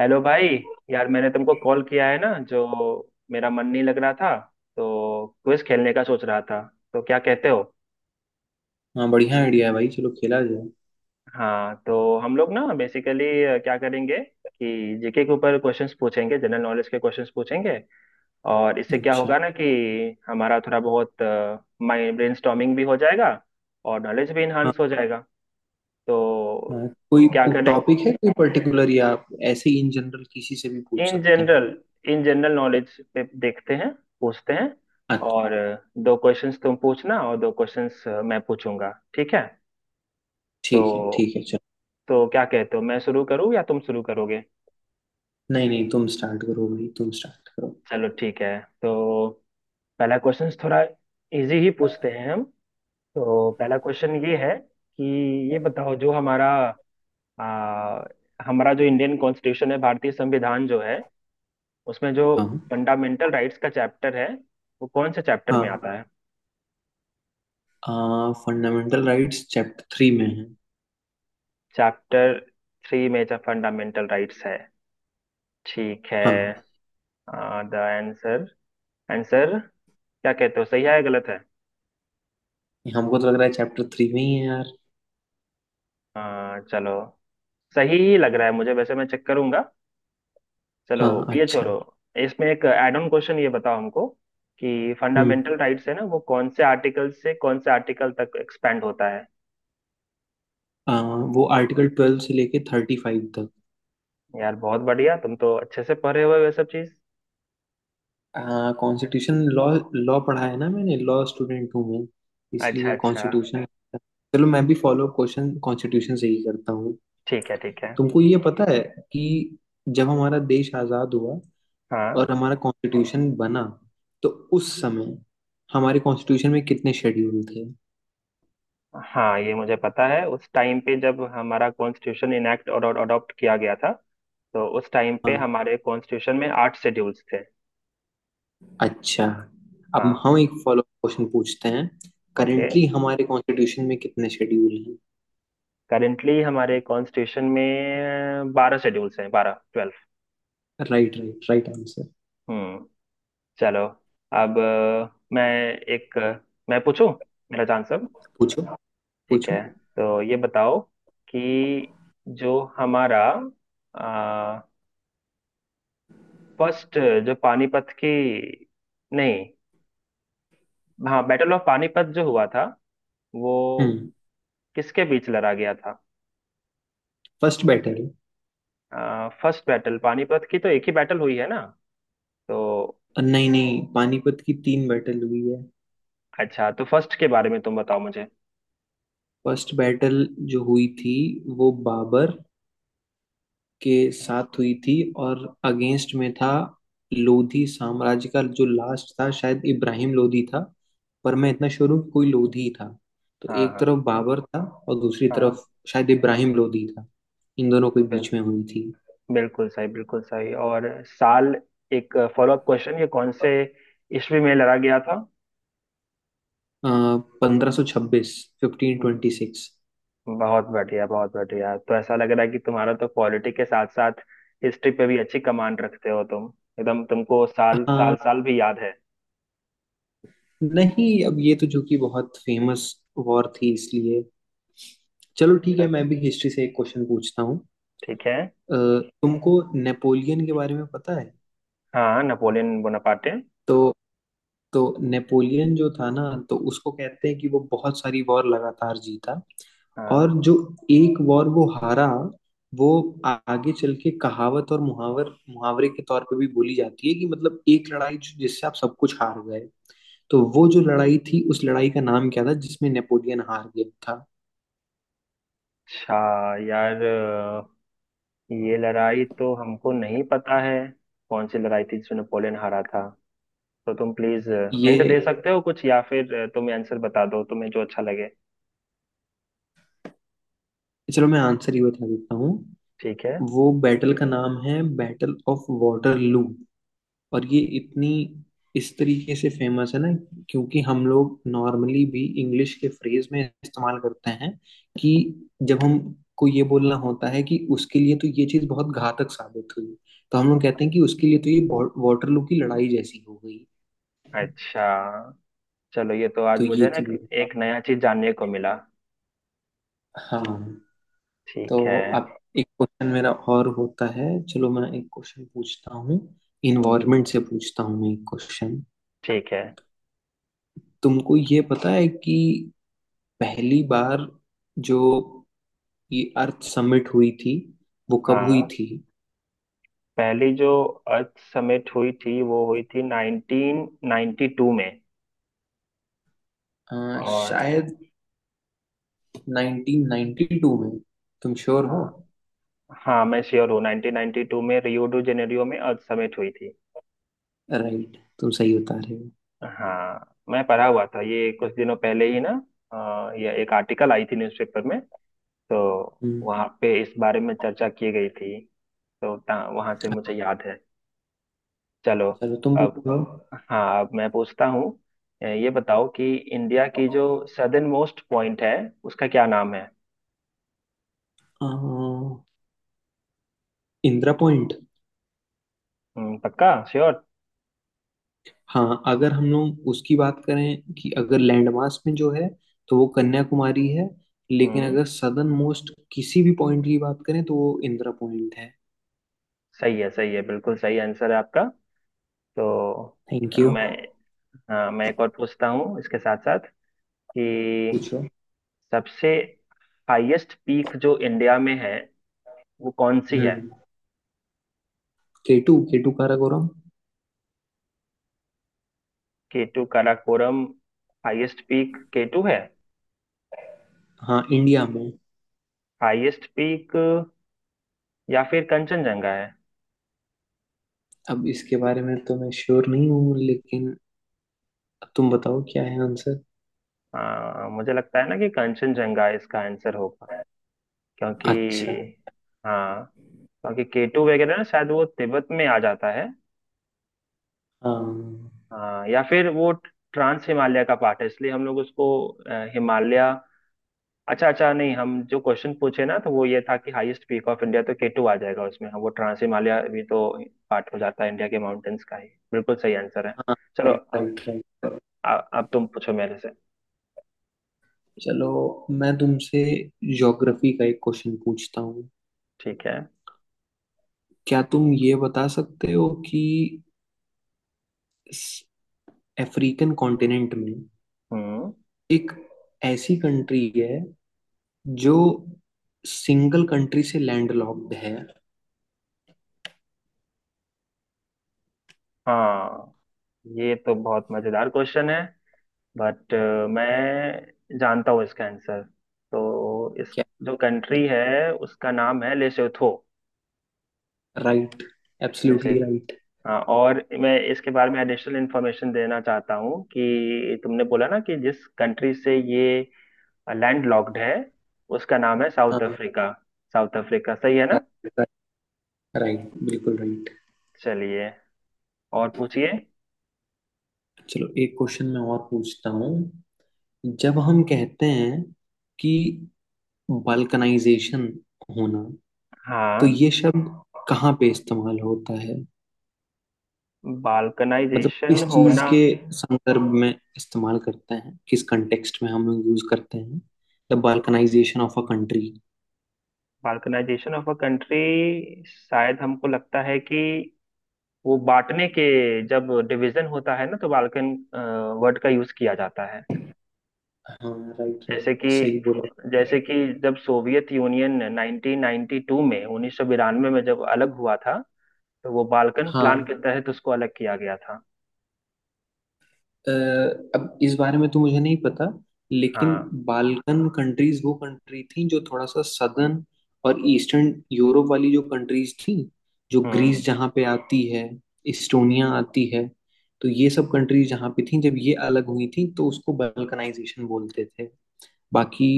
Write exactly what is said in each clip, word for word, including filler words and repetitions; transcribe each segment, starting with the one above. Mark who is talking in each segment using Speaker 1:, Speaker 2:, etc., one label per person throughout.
Speaker 1: Hello भाई। यार मैंने तुमको कॉल किया है ना जो मेरा मन नहीं लग रहा था, तो क्विज खेलने का सोच रहा था। तो क्या कहते हो?
Speaker 2: हाँ बढ़िया आइडिया है भाई चलो खेला जाए।
Speaker 1: हाँ तो हम लोग ना बेसिकली क्या करेंगे कि जीके के ऊपर क्वेश्चंस पूछेंगे, जनरल नॉलेज के क्वेश्चंस पूछेंगे। और इससे क्या
Speaker 2: अच्छा।
Speaker 1: होगा ना कि हमारा थोड़ा बहुत माइंड ब्रेनस्टॉर्मिंग भी हो जाएगा और नॉलेज भी
Speaker 2: हाँ।
Speaker 1: इन्हांस हो जाएगा।
Speaker 2: हाँ,
Speaker 1: तो
Speaker 2: कोई
Speaker 1: क्या करें?
Speaker 2: टॉपिक है कोई पर्टिकुलर या आप ऐसे ही इन जनरल किसी से भी पूछ
Speaker 1: इन
Speaker 2: सकते हैं?
Speaker 1: जनरल, इन जनरल नॉलेज पे देखते हैं, पूछते हैं।
Speaker 2: अच्छा।
Speaker 1: और दो क्वेश्चंस तुम पूछना और दो क्वेश्चंस मैं पूछूंगा, ठीक है।
Speaker 2: ठीक है
Speaker 1: तो
Speaker 2: ठीक है चलो।
Speaker 1: तो क्या कहते हो, मैं शुरू करूँ या तुम शुरू करोगे?
Speaker 2: नहीं नहीं तुम स्टार्ट करो भाई तुम स्टार्ट करो।
Speaker 1: चलो ठीक है। तो पहला क्वेश्चन थोड़ा इजी ही पूछते हैं हम। तो पहला क्वेश्चन ये है कि ये बताओ जो हमारा आ, हमारा जो इंडियन कॉन्स्टिट्यूशन है, भारतीय संविधान जो है, उसमें जो
Speaker 2: हाँ।
Speaker 1: फंडामेंटल राइट्स का चैप्टर है वो कौन से चैप्टर में आता है?
Speaker 2: हाँ, फंडामेंटल राइट्स चैप्टर थ्री में है।
Speaker 1: चैप्टर थ्री में जो फंडामेंटल राइट्स है, ठीक है।
Speaker 2: हाँ।
Speaker 1: द आंसर, आंसर क्या कहते हो, सही है या गलत है?
Speaker 2: हमको तो लग रहा है चैप्टर थ्री में ही है यार।
Speaker 1: आ, चलो, सही ही लग रहा है मुझे, वैसे मैं चेक करूंगा। चलो
Speaker 2: हाँ।
Speaker 1: ये
Speaker 2: अच्छा।
Speaker 1: छोड़ो। इसमें एक एड ऑन क्वेश्चन, ये बताओ हमको कि
Speaker 2: हम्म।
Speaker 1: फंडामेंटल राइट्स है ना, वो कौन से आर्टिकल से कौन से आर्टिकल तक एक्सपेंड होता है?
Speaker 2: आ, वो आर्टिकल ट्वेल्व से लेके थर्टी फाइव तक।
Speaker 1: यार बहुत बढ़िया, तुम तो अच्छे से पढ़े हुए हो ये सब चीज।
Speaker 2: Constitution law. लॉ पढ़ा है ना मैंने। लॉ स्टूडेंट हूँ मैं,
Speaker 1: अच्छा
Speaker 2: इसलिए
Speaker 1: अच्छा।
Speaker 2: कॉन्स्टिट्यूशन। चलो मैं भी फॉलो क्वेश्चन कॉन्स्टिट्यूशन से ही करता हूँ।
Speaker 1: ठीक है ठीक है।
Speaker 2: तुमको ये पता है कि जब हमारा देश आजाद हुआ
Speaker 1: हाँ
Speaker 2: और हमारा कॉन्स्टिट्यूशन बना तो उस समय हमारे कॉन्स्टिट्यूशन में कितने शेड्यूल थे?
Speaker 1: हाँ ये मुझे पता है, उस टाइम पे जब हमारा कॉन्स्टिट्यूशन इनएक्ट और अडॉप्ट किया गया था, तो उस टाइम पे
Speaker 2: हाँ।
Speaker 1: हमारे कॉन्स्टिट्यूशन में आठ शेड्यूल्स थे।
Speaker 2: अच्छा। अब
Speaker 1: हाँ।
Speaker 2: हम एक फॉलोअप क्वेश्चन पूछते हैं।
Speaker 1: ओके,
Speaker 2: करेंटली हमारे कॉन्स्टिट्यूशन में कितने शेड्यूल हैं?
Speaker 1: करेंटली हमारे कॉन्स्टिट्यूशन में बारह शेड्यूल्स हैं, बारह, twelve.
Speaker 2: Right right right answer.
Speaker 1: हम्म। चलो अब अ, मैं एक अ, मैं पूछूं, मेरा चांस अब।
Speaker 2: पूछो।
Speaker 1: ठीक
Speaker 2: पूछो।
Speaker 1: है। तो ये बताओ कि जो हमारा फर्स्ट जो पानीपत की, नहीं, हाँ, बैटल ऑफ पानीपत जो हुआ था वो
Speaker 2: हम्म।
Speaker 1: किसके बीच लड़ा गया था?
Speaker 2: First battle.
Speaker 1: First battle Panipat की तो एक ही बैटल हुई है ना? तो
Speaker 2: नहीं नहीं पानीपत की तीन बैटल हुई है।
Speaker 1: अच्छा, तो फर्स्ट के बारे में तुम बताओ मुझे।
Speaker 2: फर्स्ट बैटल जो हुई थी वो बाबर के साथ हुई थी और अगेंस्ट में था लोधी साम्राज्य का, जो लास्ट था शायद इब्राहिम लोधी था। पर मैं इतना श्योर हूँ कि कोई लोधी ही था। तो
Speaker 1: हाँ
Speaker 2: एक
Speaker 1: हाँ
Speaker 2: तरफ बाबर था और दूसरी
Speaker 1: हाँ।
Speaker 2: तरफ शायद इब्राहिम लोधी था। इन दोनों के बीच
Speaker 1: बि-
Speaker 2: में हुई थी।
Speaker 1: बिल्कुल सही, बिल्कुल सही। और साल, एक फॉलो अप क्वेश्चन, ये कौन से ईस्वी में लड़ा गया था?
Speaker 2: पंद्रह सौ छब्बीस। Fifteen twenty six.
Speaker 1: बहुत बढ़िया, बहुत बढ़िया। तो ऐसा लग रहा है कि तुम्हारा तो पॉलिटी के साथ साथ हिस्ट्री पे भी अच्छी कमांड रखते हो तुम। एकदम, तुमको साल
Speaker 2: हाँ।
Speaker 1: साल साल भी याद है।
Speaker 2: नहीं अब ये तो जो कि बहुत फेमस वॉर थी इसलिए। चलो ठीक है मैं
Speaker 1: अच्छा,
Speaker 2: भी हिस्ट्री से एक क्वेश्चन पूछता हूँ।
Speaker 1: ठीक है।
Speaker 2: अ, तुमको नेपोलियन के बारे में पता है?
Speaker 1: हाँ, नेपोलियन बोनापार्टे।
Speaker 2: तो तो नेपोलियन जो था ना, तो उसको कहते हैं कि वो बहुत सारी वॉर लगातार जीता
Speaker 1: हाँ,
Speaker 2: और जो एक वॉर वो हारा वो आ- आगे चल के कहावत और मुहावर मुहावरे के तौर पे भी बोली जाती है कि मतलब एक लड़ाई जो- जिससे आप सब कुछ हार गए। तो वो जो लड़ाई थी उस लड़ाई का नाम क्या था जिसमें नेपोलियन हार गया था?
Speaker 1: अच्छा, यार ये लड़ाई तो हमको नहीं पता है। कौन सी लड़ाई थी जिसमें नेपोलियन हारा था? तो तुम प्लीज
Speaker 2: ये।
Speaker 1: हिंट दे सकते हो कुछ, या फिर तुम आंसर बता दो, तुम्हें जो अच्छा लगे।
Speaker 2: चलो मैं आंसर ही बता देता हूँ।
Speaker 1: ठीक है।
Speaker 2: वो बैटल का नाम है बैटल ऑफ वाटरलू। और ये इतनी इस तरीके से फेमस है ना, क्योंकि हम लोग नॉर्मली भी इंग्लिश के फ्रेज में इस्तेमाल करते हैं कि जब हमको ये बोलना होता है कि उसके लिए तो ये चीज बहुत घातक साबित हुई तो हम लोग कहते हैं कि उसके लिए तो ये वाटरलू की लड़ाई जैसी हो गई।
Speaker 1: अच्छा चलो, ये तो आज
Speaker 2: तो ये
Speaker 1: मुझे ना एक
Speaker 2: चीज।
Speaker 1: एक नया चीज जानने को मिला।
Speaker 2: हाँ।
Speaker 1: ठीक है।
Speaker 2: तो अब एक क्वेश्चन मेरा और होता है। चलो मैं एक क्वेश्चन पूछता हूँ।
Speaker 1: हम्म,
Speaker 2: इन्वायरमेंट से पूछता हूँ मैं एक क्वेश्चन।
Speaker 1: ठीक है।
Speaker 2: तुमको ये पता है कि पहली बार जो ये अर्थ समिट हुई थी वो कब हुई
Speaker 1: हाँ,
Speaker 2: थी?
Speaker 1: पहली जो अर्थ समिट हुई थी वो हुई थी नाइंटीन नाइंटी टू में।
Speaker 2: अ,
Speaker 1: और
Speaker 2: शायद नाइनटीन नाइंटी टू में। तुम श्योर हो?
Speaker 1: हाँ, हाँ मैं श्योर हूँ, नाइंटीन नाइंटी टू में रियो डू जेनेरियो में अर्थ समिट हुई थी।
Speaker 2: राइट तुम सही बता रहे हो।
Speaker 1: हाँ, मैं पढ़ा हुआ था ये कुछ दिनों पहले ही ना। अ, ये एक आर्टिकल आई थी न्यूज़पेपर में, तो
Speaker 2: हम्म।
Speaker 1: वहाँ पे इस बारे में चर्चा की गई थी। तो ता- वहाँ से
Speaker 2: अच्छा।
Speaker 1: मुझे याद है। चलो।
Speaker 2: चलो तुम
Speaker 1: अब,
Speaker 2: पूछो।
Speaker 1: हाँ अब मैं पूछता हूँ। अ, ये बताओ कि इंडिया की जो सदर्न मोस्ट पॉइंट है उसका क्या नाम है?
Speaker 2: अ, इंदिरा पॉइंट।
Speaker 1: हम्म, पक्का श्योर?
Speaker 2: हाँ अगर हम लोग उसकी बात करें कि अगर लैंडमास में जो है तो वो कन्याकुमारी है। लेकिन
Speaker 1: हम्म।
Speaker 2: अगर सदर्न मोस्ट किसी भी पॉइंट की बात करें तो वो इंदिरा पॉइंट है।
Speaker 1: सही है, सही है, बिल्कुल सही आंसर है आपका। तो
Speaker 2: थैंक
Speaker 1: अ,
Speaker 2: यू।
Speaker 1: मैं, हाँ मैं एक और पूछता हूँ इसके साथ साथ कि
Speaker 2: पूछो।
Speaker 1: सबसे हाईएस्ट पीक जो इंडिया में है वो कौन सी है?
Speaker 2: हम्म। K two K two Karakoram.
Speaker 1: K two, Karakoram? Highest peak K two है?
Speaker 2: हाँ इंडिया में।
Speaker 1: हाईएस्ट पीक, या फिर कंचनजंगा है?
Speaker 2: अब इसके बारे में तो मैं श्योर नहीं हूँ, लेकिन तुम बताओ क्या है आंसर।
Speaker 1: हाँ मुझे लगता है ना कि कंचनजंगा इसका आंसर होगा, क्योंकि
Speaker 2: अच्छा।
Speaker 1: हाँ, क्योंकि केटू वगैरह ना शायद वो तिब्बत में आ जाता है।
Speaker 2: हाँ।
Speaker 1: हाँ, या फिर वो ट्रांस हिमालय का पार्ट है, इसलिए हम लोग उसको अ, हिमालय, अच्छा अच्छा, नहीं हम जो क्वेश्चन पूछे ना तो वो ये था कि हाईएस्ट पीक ऑफ इंडिया, तो केटू आ जाएगा उसमें। हाँ, वो ट्रांस हिमालय भी तो पार्ट हो जाता है इंडिया के माउंटेन्स का ही। बिल्कुल सही आंसर है।
Speaker 2: हाँ।
Speaker 1: चलो
Speaker 2: राइट
Speaker 1: अब
Speaker 2: राइट राइट।
Speaker 1: आ- अब तुम पूछो मेरे से।
Speaker 2: चलो मैं तुमसे ज्योग्राफी का एक क्वेश्चन पूछता हूँ।
Speaker 1: ठीक है।
Speaker 2: क्या तुम ये बता सकते हो कि इस अफ्रीकन कॉन्टिनेंट में
Speaker 1: हम्म।
Speaker 2: एक ऐसी कंट्री है जो सिंगल कंट्री से लैंडलॉक्ड है?
Speaker 1: हाँ ये तो बहुत मजेदार क्वेश्चन है, बट मैं जानता हूँ इसका आंसर। तो इस
Speaker 2: क्या?
Speaker 1: जो कंट्री है उसका नाम है लेसोथो।
Speaker 2: Right absolutely right.
Speaker 1: हाँ, और मैं इसके बारे में एडिशनल इन्फॉर्मेशन देना चाहता हूँ कि तुमने बोला ना कि जिस कंट्री से ये लैंड लॉक्ड है उसका नाम है साउथ
Speaker 2: हाँ।
Speaker 1: अफ्रीका। साउथ अफ्रीका सही है ना?
Speaker 2: राइट राइट राइट बिल्कुल राइट।
Speaker 1: चलिए, और पूछिए।
Speaker 2: चलो एक क्वेश्चन मैं और पूछता हूँ। जब हम कहते हैं कि बाल्कनाइजेशन होना तो
Speaker 1: हाँ,
Speaker 2: ये शब्द कहाँ पे इस्तेमाल होता है? मतलब
Speaker 1: बाल्कनाइजेशन
Speaker 2: किस चीज
Speaker 1: होना,
Speaker 2: के संदर्भ में इस्तेमाल करते हैं, किस कंटेक्स्ट में हम लोग यूज करते हैं? The balkanization of a country.
Speaker 1: Balkanization of a country, शायद हमको लगता है कि वो बांटने के, जब डिवीजन होता है ना, तो बाल्कन वर्ड का यूज किया जाता है।
Speaker 2: हाँ। Right right.
Speaker 1: जैसे कि
Speaker 2: सही बोला।
Speaker 1: जैसे कि जब सोवियत यूनियन उन्नीस सौ बानवे में उन्नीस सौ बानवे में जब अलग हुआ था, तो वो बाल्कन प्लान
Speaker 2: हाँ।
Speaker 1: के तहत उसको अलग किया गया था।
Speaker 2: अ, अब इस बारे में तो मुझे नहीं पता लेकिन
Speaker 1: हाँ,
Speaker 2: बाल्कन कंट्रीज वो कंट्री थी जो थोड़ा सा सदर्न और ईस्टर्न यूरोप वाली जो कंट्रीज थी, जो
Speaker 1: हम्म,
Speaker 2: ग्रीस जहाँ पे आती है, इस्टोनिया आती है। तो ये सब कंट्रीज जहाँ पे थी जब ये अलग हुई थी तो उसको बाल्कनाइजेशन बोलते थे। बाकी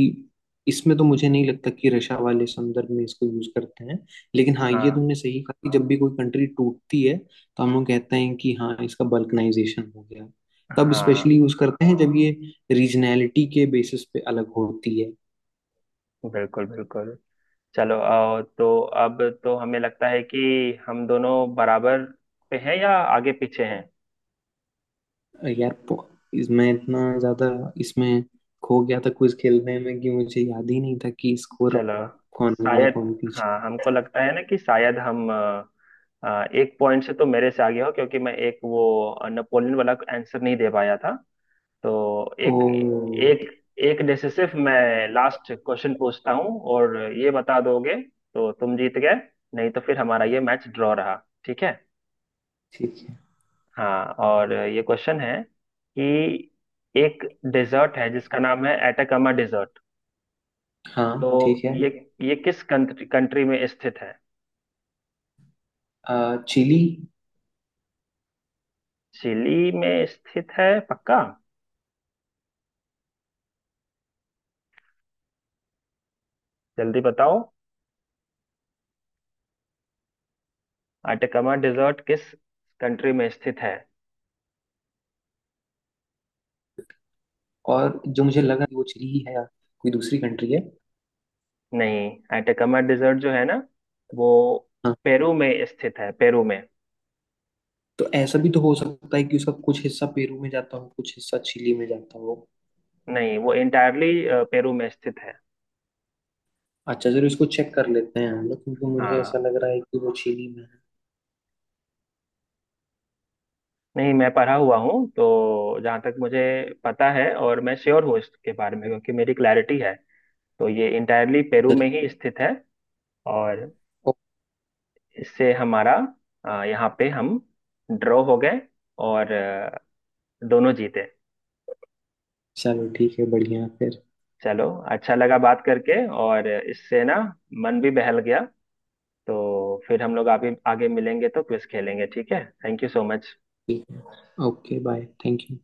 Speaker 2: इसमें तो मुझे नहीं लगता कि रशा वाले संदर्भ में इसको यूज करते हैं। लेकिन हाँ ये
Speaker 1: हाँ
Speaker 2: तुमने सही कहा कि जब भी कोई कंट्री टूटती है तो हम लोग कहते हैं कि हाँ इसका बल्कनाइजेशन हो गया। तब
Speaker 1: हाँ।
Speaker 2: स्पेशली यूज करते हैं जब ये रीजनैलिटी के बेसिस पे अलग होती है।
Speaker 1: बिल्कुल बिल्कुल। चलो आओ तो, अब तो हमें लगता है कि हम दोनों बराबर पे हैं या आगे पीछे हैं?
Speaker 2: अ, यार पो- इस- मैं इतना ज्यादा इसमें खो गया था क्विज खेलने में कि मुझे याद ही नहीं था कि स्कोर
Speaker 1: चलो
Speaker 2: कौन आगे है
Speaker 1: शायद,
Speaker 2: कौन पीछे।
Speaker 1: हाँ हमको लगता है ना कि शायद हम अ, अ, एक पॉइंट से तो मेरे से आगे हो क्योंकि मैं एक वो अ, नेपोलियन वाला आंसर नहीं दे पाया था। तो
Speaker 2: ओ।
Speaker 1: एक एक, एक जैसे, सिर्फ मैं लास्ट क्वेश्चन पूछता हूँ और ये बता दोगे तो तुम जीत गए, नहीं तो फिर हमारा ये मैच ड्रॉ रहा, ठीक है।
Speaker 2: ठीक है।
Speaker 1: हाँ, और ये क्वेश्चन है कि एक डेजर्ट है जिसका नाम है एटाकामा डेजर्ट, तो
Speaker 2: हाँ ठीक है।
Speaker 1: ये ये किस कंट्री कंट्री में स्थित है?
Speaker 2: अ, चिली।
Speaker 1: चिली में स्थित है, पक्का? जल्दी बताओ, एटाकामा डेजर्ट किस कंट्री में स्थित है?
Speaker 2: और जो मुझे लगा कि वो चिली है या कोई दूसरी कंट्री है।
Speaker 1: नहीं, आइटकमा डिजर्ट जो है ना, वो
Speaker 2: हाँ
Speaker 1: पेरू में स्थित है, पेरू में।
Speaker 2: तो ऐसा भी तो हो सकता है कि उसका कुछ हिस्सा पेरू में जाता हो कुछ हिस्सा चिली में जाता हो।
Speaker 1: नहीं वो इंटायरली पेरू में स्थित है।
Speaker 2: अच्छा चलो इसको चेक कर लेते हैं हम लोग, क्योंकि मुझे ऐसा
Speaker 1: हाँ
Speaker 2: लग रहा है कि वो चिली में है।
Speaker 1: नहीं, मैं पढ़ा हुआ हूँ, तो जहाँ तक मुझे पता है, और मैं श्योर हूँ इसके बारे में क्योंकि मेरी क्लैरिटी है, तो ये इंटायरली पेरू
Speaker 2: अच्छा,
Speaker 1: में ही स्थित है। और इससे हमारा, अ, यहाँ पे हम ड्रॉ हो गए और अ, दोनों जीते।
Speaker 2: चलो ठीक है बढ़िया फिर।
Speaker 1: चलो, अच्छा लगा बात करके, और इससे ना मन भी बहल गया। तो फिर हम लोग आगे आगे मिलेंगे तो क्विज खेलेंगे, ठीक है। Thank you so much.
Speaker 2: ठीक है। Okay bye, thank you.